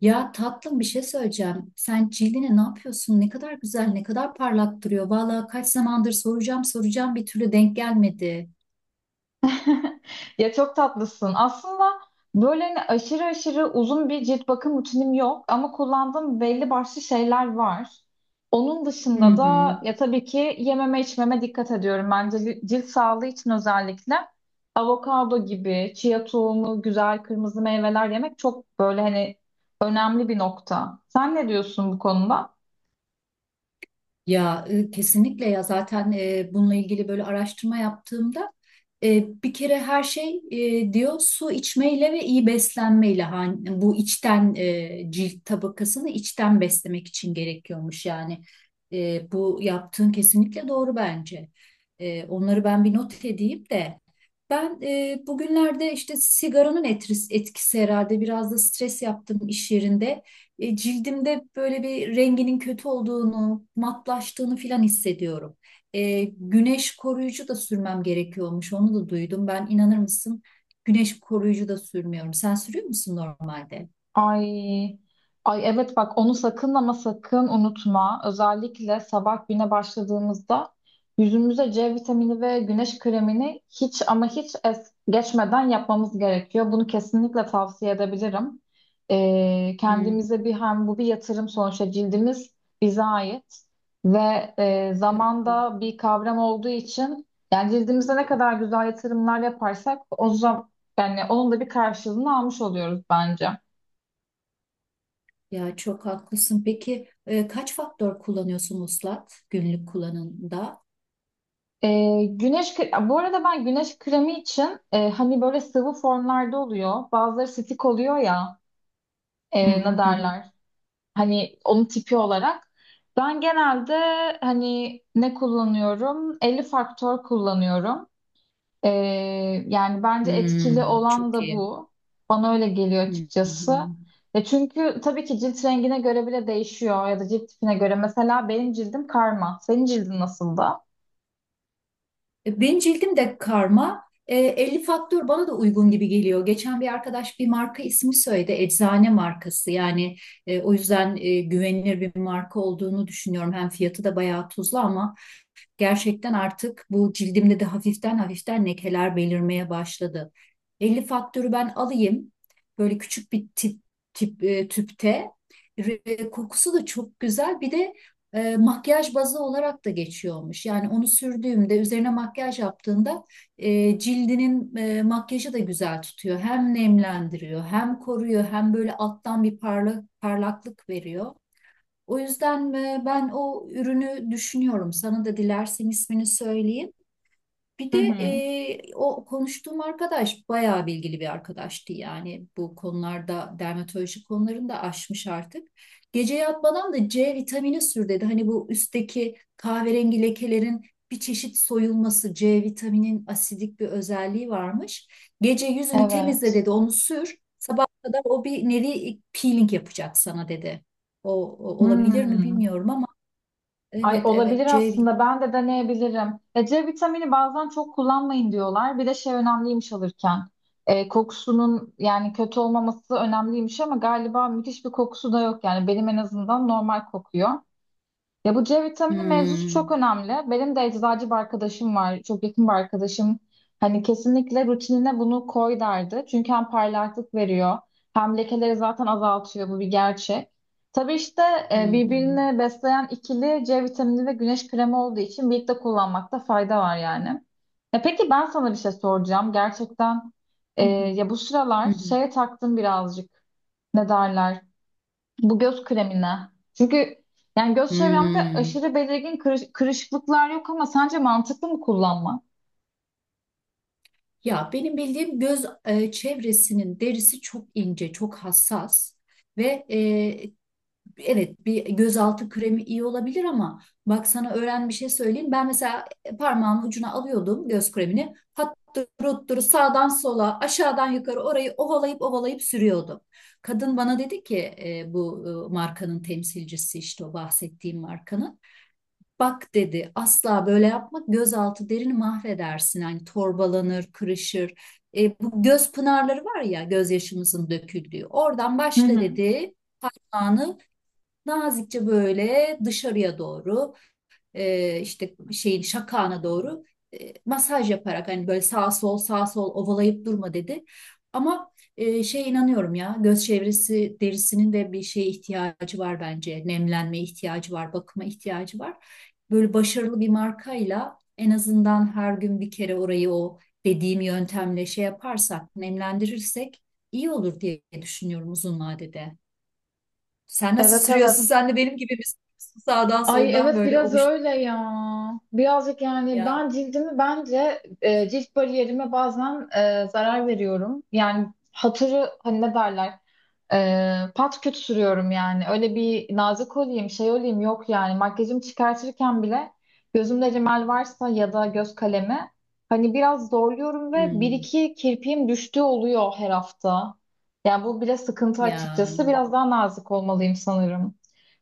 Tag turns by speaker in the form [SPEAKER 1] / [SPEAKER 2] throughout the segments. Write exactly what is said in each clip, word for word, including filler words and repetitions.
[SPEAKER 1] Ya tatlım bir şey söyleyeceğim. Sen cildine ne yapıyorsun? Ne kadar güzel, ne kadar parlak duruyor. Vallahi kaç zamandır soracağım soracağım bir türlü denk gelmedi.
[SPEAKER 2] Ya çok tatlısın. Aslında böyle hani aşırı aşırı uzun bir cilt bakım rutinim yok ama kullandığım belli başlı şeyler var. Onun
[SPEAKER 1] Hı
[SPEAKER 2] dışında
[SPEAKER 1] hı.
[SPEAKER 2] da ya tabii ki yememe içmeme dikkat ediyorum. Bence li- cilt sağlığı için özellikle avokado gibi, chia tohumu, güzel kırmızı meyveler yemek çok böyle hani önemli bir nokta. Sen ne diyorsun bu konuda?
[SPEAKER 1] Ya e, kesinlikle ya zaten e, bununla ilgili böyle araştırma yaptığımda e, bir kere her şey e, diyor su içmeyle ve iyi beslenmeyle hani bu içten e, cilt tabakasını içten beslemek için gerekiyormuş yani. E, bu yaptığın kesinlikle doğru bence. E, onları ben bir not edeyim de ben e, bugünlerde işte sigaranın etkisi, etkisi herhalde biraz da stres yaptım iş yerinde, e, cildimde böyle bir renginin kötü olduğunu, matlaştığını filan hissediyorum. E, güneş koruyucu da sürmem gerekiyormuş. Onu da duydum. Ben inanır mısın? Güneş koruyucu da sürmüyorum. Sen sürüyor musun normalde?
[SPEAKER 2] Ay, ay evet bak onu sakın, ama sakın unutma. Özellikle sabah güne başladığımızda yüzümüze C vitamini ve güneş kremini hiç ama hiç es geçmeden yapmamız gerekiyor. Bunu kesinlikle tavsiye edebilirim. Ee,
[SPEAKER 1] Hı.
[SPEAKER 2] kendimize bir hem bu bir yatırım, sonuçta cildimiz bize ait ve e,
[SPEAKER 1] Tabii.
[SPEAKER 2] zamanda bir kavram olduğu için yani cildimize ne kadar güzel yatırımlar yaparsak o zaman yani onun da bir karşılığını almış oluyoruz bence.
[SPEAKER 1] Ya çok haklısın. Peki e, kaç faktör kullanıyorsun Muslat günlük kullanımda?
[SPEAKER 2] Ee, güneş kre- bu arada ben güneş kremi için e, hani böyle sıvı formlarda oluyor. Bazıları stick oluyor ya,
[SPEAKER 1] Hı
[SPEAKER 2] e,
[SPEAKER 1] hı
[SPEAKER 2] ne
[SPEAKER 1] hı, hı.
[SPEAKER 2] derler? Hani onun tipi olarak. Ben genelde hani ne kullanıyorum? elli faktör kullanıyorum. Ee, yani bence etkili
[SPEAKER 1] Hmm,
[SPEAKER 2] olan
[SPEAKER 1] çok
[SPEAKER 2] da
[SPEAKER 1] iyi.
[SPEAKER 2] bu. Bana öyle geliyor
[SPEAKER 1] Hı
[SPEAKER 2] açıkçası.
[SPEAKER 1] hı.
[SPEAKER 2] Ya çünkü tabii ki cilt rengine göre bile değişiyor ya da cilt tipine göre. Mesela benim cildim karma. Senin cildin nasıl da?
[SPEAKER 1] E, Benim cildim de karma. E, elli faktör bana da uygun gibi geliyor. Geçen bir arkadaş bir marka ismi söyledi. Eczane markası. Yani e, o yüzden e, güvenilir bir marka olduğunu düşünüyorum. Hem fiyatı da bayağı tuzlu ama gerçekten artık bu cildimde de hafiften hafiften lekeler belirmeye başladı. Elli faktörü ben alayım. Böyle küçük bir tip, tip e, tüpte. Re- Kokusu da çok güzel. Bir de e, makyaj bazı olarak da geçiyormuş. Yani onu sürdüğümde üzerine makyaj yaptığında e, cildinin e, makyajı da güzel tutuyor. Hem nemlendiriyor, hem koruyor, hem böyle alttan bir parla, parlaklık veriyor. O yüzden e, ben o ürünü düşünüyorum. Sana da dilersen ismini söyleyeyim. Bir
[SPEAKER 2] Hı
[SPEAKER 1] de
[SPEAKER 2] hı.
[SPEAKER 1] e, o konuştuğum arkadaş bayağı bilgili bir arkadaştı yani bu konularda dermatoloji konularını da aşmış artık. Gece yatmadan da ce vitamini sür dedi. Hani bu üstteki kahverengi lekelerin bir çeşit soyulması, ce vitaminin asidik bir özelliği varmış. Gece yüzünü temizle
[SPEAKER 2] Evet.
[SPEAKER 1] dedi, onu sür. Sabah kadar o bir nevi peeling yapacak sana dedi. O, o olabilir mi
[SPEAKER 2] Hmm.
[SPEAKER 1] bilmiyorum ama
[SPEAKER 2] Ay,
[SPEAKER 1] evet
[SPEAKER 2] olabilir
[SPEAKER 1] evet ce vitamini.
[SPEAKER 2] aslında. Ben de deneyebilirim. E, C vitamini bazen çok kullanmayın diyorlar. Bir de şey önemliymiş alırken. E, kokusunun yani kötü olmaması önemliymiş ama galiba müthiş bir kokusu da yok. Yani benim en azından normal kokuyor. Ya bu C vitamini mevzusu çok
[SPEAKER 1] Hmm.
[SPEAKER 2] önemli. Benim de eczacı bir arkadaşım var. Çok yakın bir arkadaşım. Hani kesinlikle rutinine bunu koy derdi. Çünkü hem parlaklık veriyor, hem lekeleri zaten azaltıyor. Bu bir gerçek. Tabii işte
[SPEAKER 1] Hı
[SPEAKER 2] e,
[SPEAKER 1] hı.
[SPEAKER 2] birbirini besleyen ikili C vitamini ve güneş kremi olduğu için birlikte kullanmakta fayda var yani. E peki, ben sana bir şey soracağım. Gerçekten
[SPEAKER 1] Hı
[SPEAKER 2] e,
[SPEAKER 1] hı.
[SPEAKER 2] ya bu
[SPEAKER 1] Hı
[SPEAKER 2] sıralar
[SPEAKER 1] hı.
[SPEAKER 2] şeye taktım birazcık. Ne derler? Bu göz kremine. Çünkü yani göz çevremde
[SPEAKER 1] Hmm.
[SPEAKER 2] aşırı belirgin kırış- kırışıklıklar yok ama sence mantıklı mı kullanma?
[SPEAKER 1] Ya benim bildiğim göz e, çevresinin derisi çok ince, çok hassas ve e, evet bir gözaltı kremi iyi olabilir ama bak sana öğren bir şey söyleyeyim. Ben mesela parmağımın ucuna alıyordum göz kremini. Hattıruttur sağdan sola, aşağıdan yukarı orayı ovalayıp ovalayıp sürüyordum. Kadın bana dedi ki e, bu e, markanın temsilcisi, işte o bahsettiğim markanın. Bak dedi, asla böyle yapma, gözaltı derini mahvedersin. Hani torbalanır, kırışır. E, bu göz pınarları var ya, gözyaşımızın döküldüğü. Oradan
[SPEAKER 2] Hı
[SPEAKER 1] başla
[SPEAKER 2] hı.
[SPEAKER 1] dedi, parmağını nazikçe böyle dışarıya doğru, e, işte şeyin şakağına doğru e, masaj yaparak, hani böyle sağ sol sağ sol ovalayıp durma dedi. Ama e, şey, inanıyorum ya, göz çevresi derisinin de bir şeye ihtiyacı var bence. Nemlenmeye ihtiyacı var, bakıma ihtiyacı var. Böyle başarılı bir markayla en azından her gün bir kere orayı o dediğim yöntemle şey yaparsak, nemlendirirsek iyi olur diye düşünüyorum uzun vadede. Sen nasıl
[SPEAKER 2] Evet
[SPEAKER 1] sürüyorsun?
[SPEAKER 2] evet.
[SPEAKER 1] Sen de benim gibi misin? Sağdan
[SPEAKER 2] Ay
[SPEAKER 1] soldan
[SPEAKER 2] evet,
[SPEAKER 1] böyle
[SPEAKER 2] biraz
[SPEAKER 1] ovuştun
[SPEAKER 2] öyle ya. Birazcık yani
[SPEAKER 1] ya.
[SPEAKER 2] ben cildimi bence e, cilt bariyerime bazen e, zarar veriyorum. Yani hatırı hani ne derler? Ee, pat küt sürüyorum yani. Öyle bir nazik olayım, şey olayım yok yani. Makyajımı çıkartırken bile gözümde rimel varsa ya da göz kalemi, hani biraz zorluyorum ve bir
[SPEAKER 1] Hmm,
[SPEAKER 2] iki kirpiğim düştüğü oluyor her hafta. Yani bu bile sıkıntı
[SPEAKER 1] ya
[SPEAKER 2] açıkçası. Biraz daha nazik olmalıyım sanırım.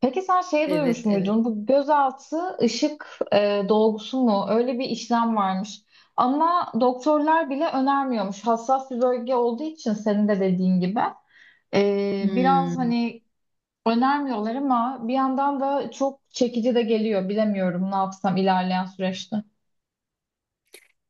[SPEAKER 2] Peki sen şey duymuş
[SPEAKER 1] evet evet.
[SPEAKER 2] muydun? Bu gözaltı ışık e, dolgusu mu? Öyle bir işlem varmış. Ama doktorlar bile önermiyormuş. Hassas bir bölge olduğu için, senin de dediğin gibi. Ee, biraz
[SPEAKER 1] Hmm.
[SPEAKER 2] hani önermiyorlar ama bir yandan da çok çekici de geliyor. Bilemiyorum ne yapsam ilerleyen süreçte.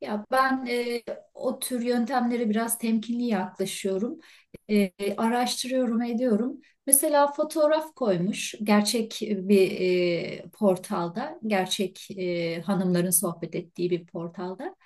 [SPEAKER 1] Ya ben e, o tür yöntemlere biraz temkinli yaklaşıyorum. E, Araştırıyorum, ediyorum. Mesela fotoğraf koymuş gerçek bir e, portalda, gerçek e, hanımların sohbet ettiği bir portalda.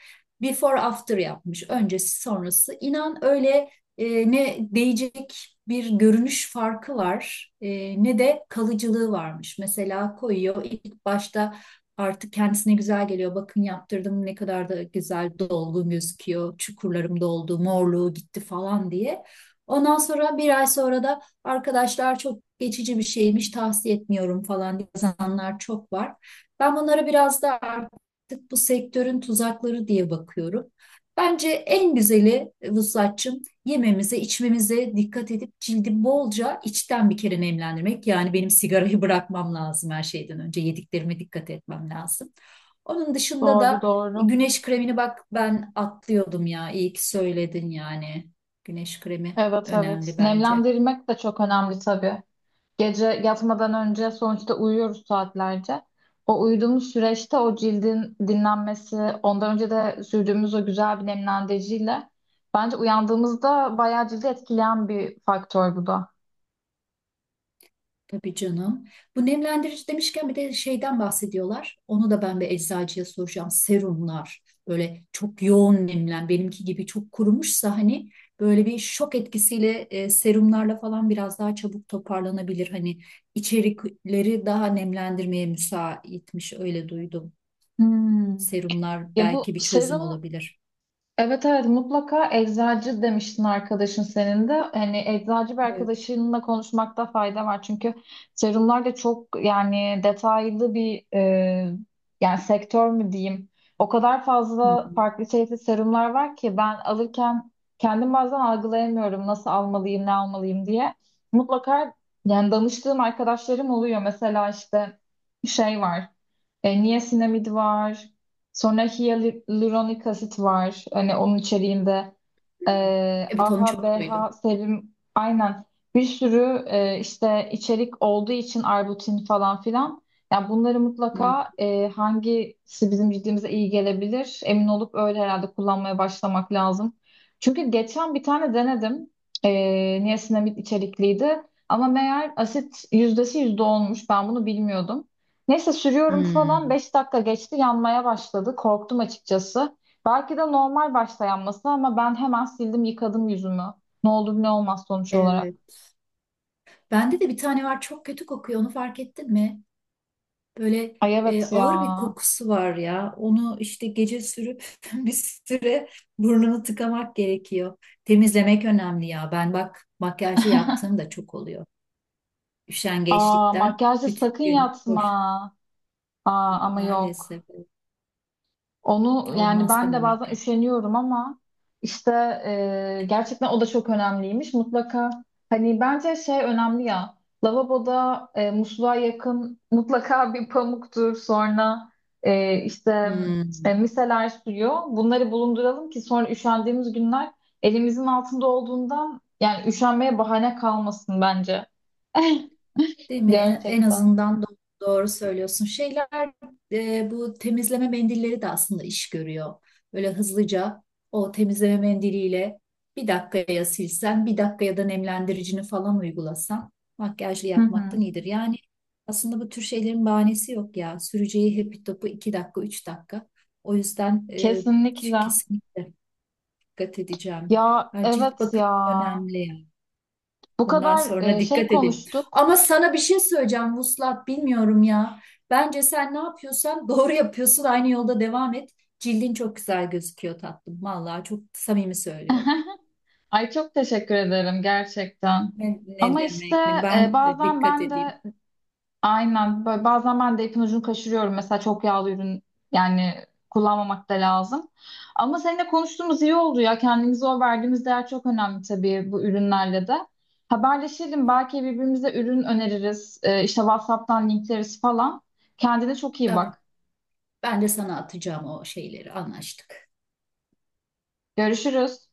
[SPEAKER 1] Before after yapmış, öncesi sonrası. İnan öyle e, ne değecek bir görünüş farkı var, e, ne de kalıcılığı varmış. Mesela koyuyor ilk başta. Artık kendisine güzel geliyor. Bakın yaptırdım, ne kadar da güzel dolgun gözüküyor. Çukurlarım doldu, morluğu gitti falan diye. Ondan sonra bir ay sonra da arkadaşlar çok geçici bir şeymiş, tavsiye etmiyorum falan diye yazanlar çok var. Ben bunlara biraz da artık bu sektörün tuzakları diye bakıyorum. Bence en güzeli e, Vuslatçım, yememize, içmemize dikkat edip cildi bolca içten bir kere nemlendirmek. Yani benim sigarayı bırakmam lazım her şeyden önce. Yediklerime dikkat etmem lazım. Onun dışında
[SPEAKER 2] Doğru
[SPEAKER 1] da
[SPEAKER 2] doğru.
[SPEAKER 1] güneş kremini, bak ben atlıyordum ya. İyi ki söyledin yani. Güneş kremi
[SPEAKER 2] Evet evet.
[SPEAKER 1] önemli bence.
[SPEAKER 2] Nemlendirmek de çok önemli tabii. Gece yatmadan önce sonuçta uyuyoruz saatlerce. O uyuduğumuz süreçte o cildin dinlenmesi, ondan önce de sürdüğümüz o güzel bir nemlendiriciyle bence uyandığımızda bayağı cildi etkileyen bir faktör bu da.
[SPEAKER 1] Tabii canım. Bu nemlendirici demişken bir de şeyden bahsediyorlar. Onu da ben bir eczacıya soracağım. Serumlar böyle çok yoğun nemlen, benimki gibi çok kurumuşsa hani böyle bir şok etkisiyle e, serumlarla falan biraz daha çabuk toparlanabilir. Hani içerikleri daha nemlendirmeye müsaitmiş, öyle duydum.
[SPEAKER 2] Hmm.
[SPEAKER 1] Serumlar
[SPEAKER 2] Ya bu
[SPEAKER 1] belki bir çözüm
[SPEAKER 2] serum,
[SPEAKER 1] olabilir.
[SPEAKER 2] evet evet, mutlaka eczacı demiştin arkadaşın senin de. Hani eczacı bir
[SPEAKER 1] Evet.
[SPEAKER 2] arkadaşınla konuşmakta fayda var. Çünkü serumlar da çok, yani detaylı bir e, yani sektör mü diyeyim. O kadar fazla
[SPEAKER 1] Hmm.
[SPEAKER 2] farklı çeşitli serumlar var ki ben alırken kendim bazen algılayamıyorum nasıl almalıyım ne almalıyım diye. Mutlaka yani danıştığım arkadaşlarım oluyor. Mesela işte şey var. E, niasinamid var. Sonra hyaluronik asit var. Hani onun içeriğinde ee,
[SPEAKER 1] Evet, onu
[SPEAKER 2] A H A,
[SPEAKER 1] çok duydum.
[SPEAKER 2] B H, serum, aynen bir sürü e, işte içerik olduğu için, Arbutin falan filan. Yani bunları
[SPEAKER 1] Hmm.
[SPEAKER 2] mutlaka e, hangisi bizim cildimize iyi gelebilir emin olup öyle herhalde kullanmaya başlamak lazım. Çünkü geçen bir tane denedim. E, niasinamid içerikliydi. Ama meğer asit yüzdesi yüzde olmuş. Ben bunu bilmiyordum. Neyse sürüyorum falan,
[SPEAKER 1] Hmm.
[SPEAKER 2] beş dakika geçti yanmaya başladı. Korktum açıkçası. Belki de normal başlayan, ama ben hemen sildim, yıkadım yüzümü. Ne olur ne olmaz sonuç olarak.
[SPEAKER 1] Evet. Bende de bir tane var, çok kötü kokuyor, onu fark ettin mi? Böyle
[SPEAKER 2] Ay
[SPEAKER 1] e,
[SPEAKER 2] evet ya.
[SPEAKER 1] ağır bir kokusu var ya. Onu işte gece sürüp bir süre burnunu tıkamak gerekiyor. Temizlemek önemli ya. Ben bak makyajı yaptığım da çok oluyor.
[SPEAKER 2] Aa,
[SPEAKER 1] Üşengeçlikten
[SPEAKER 2] makyajda
[SPEAKER 1] bütün
[SPEAKER 2] sakın
[SPEAKER 1] gün
[SPEAKER 2] yatma.
[SPEAKER 1] boş.
[SPEAKER 2] Aa, ama yok.
[SPEAKER 1] Maalesef
[SPEAKER 2] Onu yani
[SPEAKER 1] olmaz
[SPEAKER 2] ben
[SPEAKER 1] deme
[SPEAKER 2] de bazen
[SPEAKER 1] makyaj.
[SPEAKER 2] üşeniyorum ama işte e, gerçekten o da çok önemliymiş. Mutlaka hani bence şey önemli ya, lavaboda e, musluğa yakın mutlaka bir pamuktur, sonra e, işte
[SPEAKER 1] Hmm.
[SPEAKER 2] e, miseler suyu, bunları bulunduralım ki sonra üşendiğimiz günler elimizin altında olduğundan yani üşenmeye bahane kalmasın bence.
[SPEAKER 1] Değil mi? En, en
[SPEAKER 2] Gerçekten.
[SPEAKER 1] azından do- doğru söylüyorsun. Şeyler, e, bu temizleme mendilleri de aslında iş görüyor. Böyle hızlıca o temizleme mendiliyle bir dakikaya silsen, bir dakikaya da nemlendiricini falan uygulasan, makyajlı
[SPEAKER 2] Hı
[SPEAKER 1] yapmaktan
[SPEAKER 2] hı.
[SPEAKER 1] iyidir. Yani aslında bu tür şeylerin bahanesi yok ya. Süreceği happy topu iki dakika, üç dakika. O yüzden e,
[SPEAKER 2] Kesinlikle.
[SPEAKER 1] kesinlikle dikkat edeceğim.
[SPEAKER 2] Ya
[SPEAKER 1] Ha, cilt
[SPEAKER 2] evet ya.
[SPEAKER 1] bakımı önemli yani.
[SPEAKER 2] Bu
[SPEAKER 1] Bundan
[SPEAKER 2] kadar
[SPEAKER 1] sonra
[SPEAKER 2] e, şey
[SPEAKER 1] dikkat edelim.
[SPEAKER 2] konuştuk.
[SPEAKER 1] Ama sana bir şey söyleyeceğim Vuslat, bilmiyorum ya. Bence sen ne yapıyorsan doğru yapıyorsun. Aynı yolda devam et. Cildin çok güzel gözüküyor tatlım. Vallahi çok samimi söylüyorum.
[SPEAKER 2] Ay, çok teşekkür ederim gerçekten.
[SPEAKER 1] Ne, ne
[SPEAKER 2] Ama işte
[SPEAKER 1] demek ne?
[SPEAKER 2] e,
[SPEAKER 1] Ben de
[SPEAKER 2] bazen
[SPEAKER 1] dikkat
[SPEAKER 2] ben
[SPEAKER 1] edeyim.
[SPEAKER 2] de aynen, böyle bazen ben de ipin ucunu kaçırıyorum. Mesela çok yağlı ürün yani kullanmamak da lazım. Ama seninle konuştuğumuz iyi oldu ya. Kendimize o verdiğimiz değer çok önemli tabii, bu ürünlerle de. Haberleşelim, belki birbirimize ürün öneririz. E, işte WhatsApp'tan linkleriz falan. Kendine çok iyi
[SPEAKER 1] Tamam.
[SPEAKER 2] bak.
[SPEAKER 1] Ben de sana atacağım o şeyleri. Anlaştık.
[SPEAKER 2] Görüşürüz.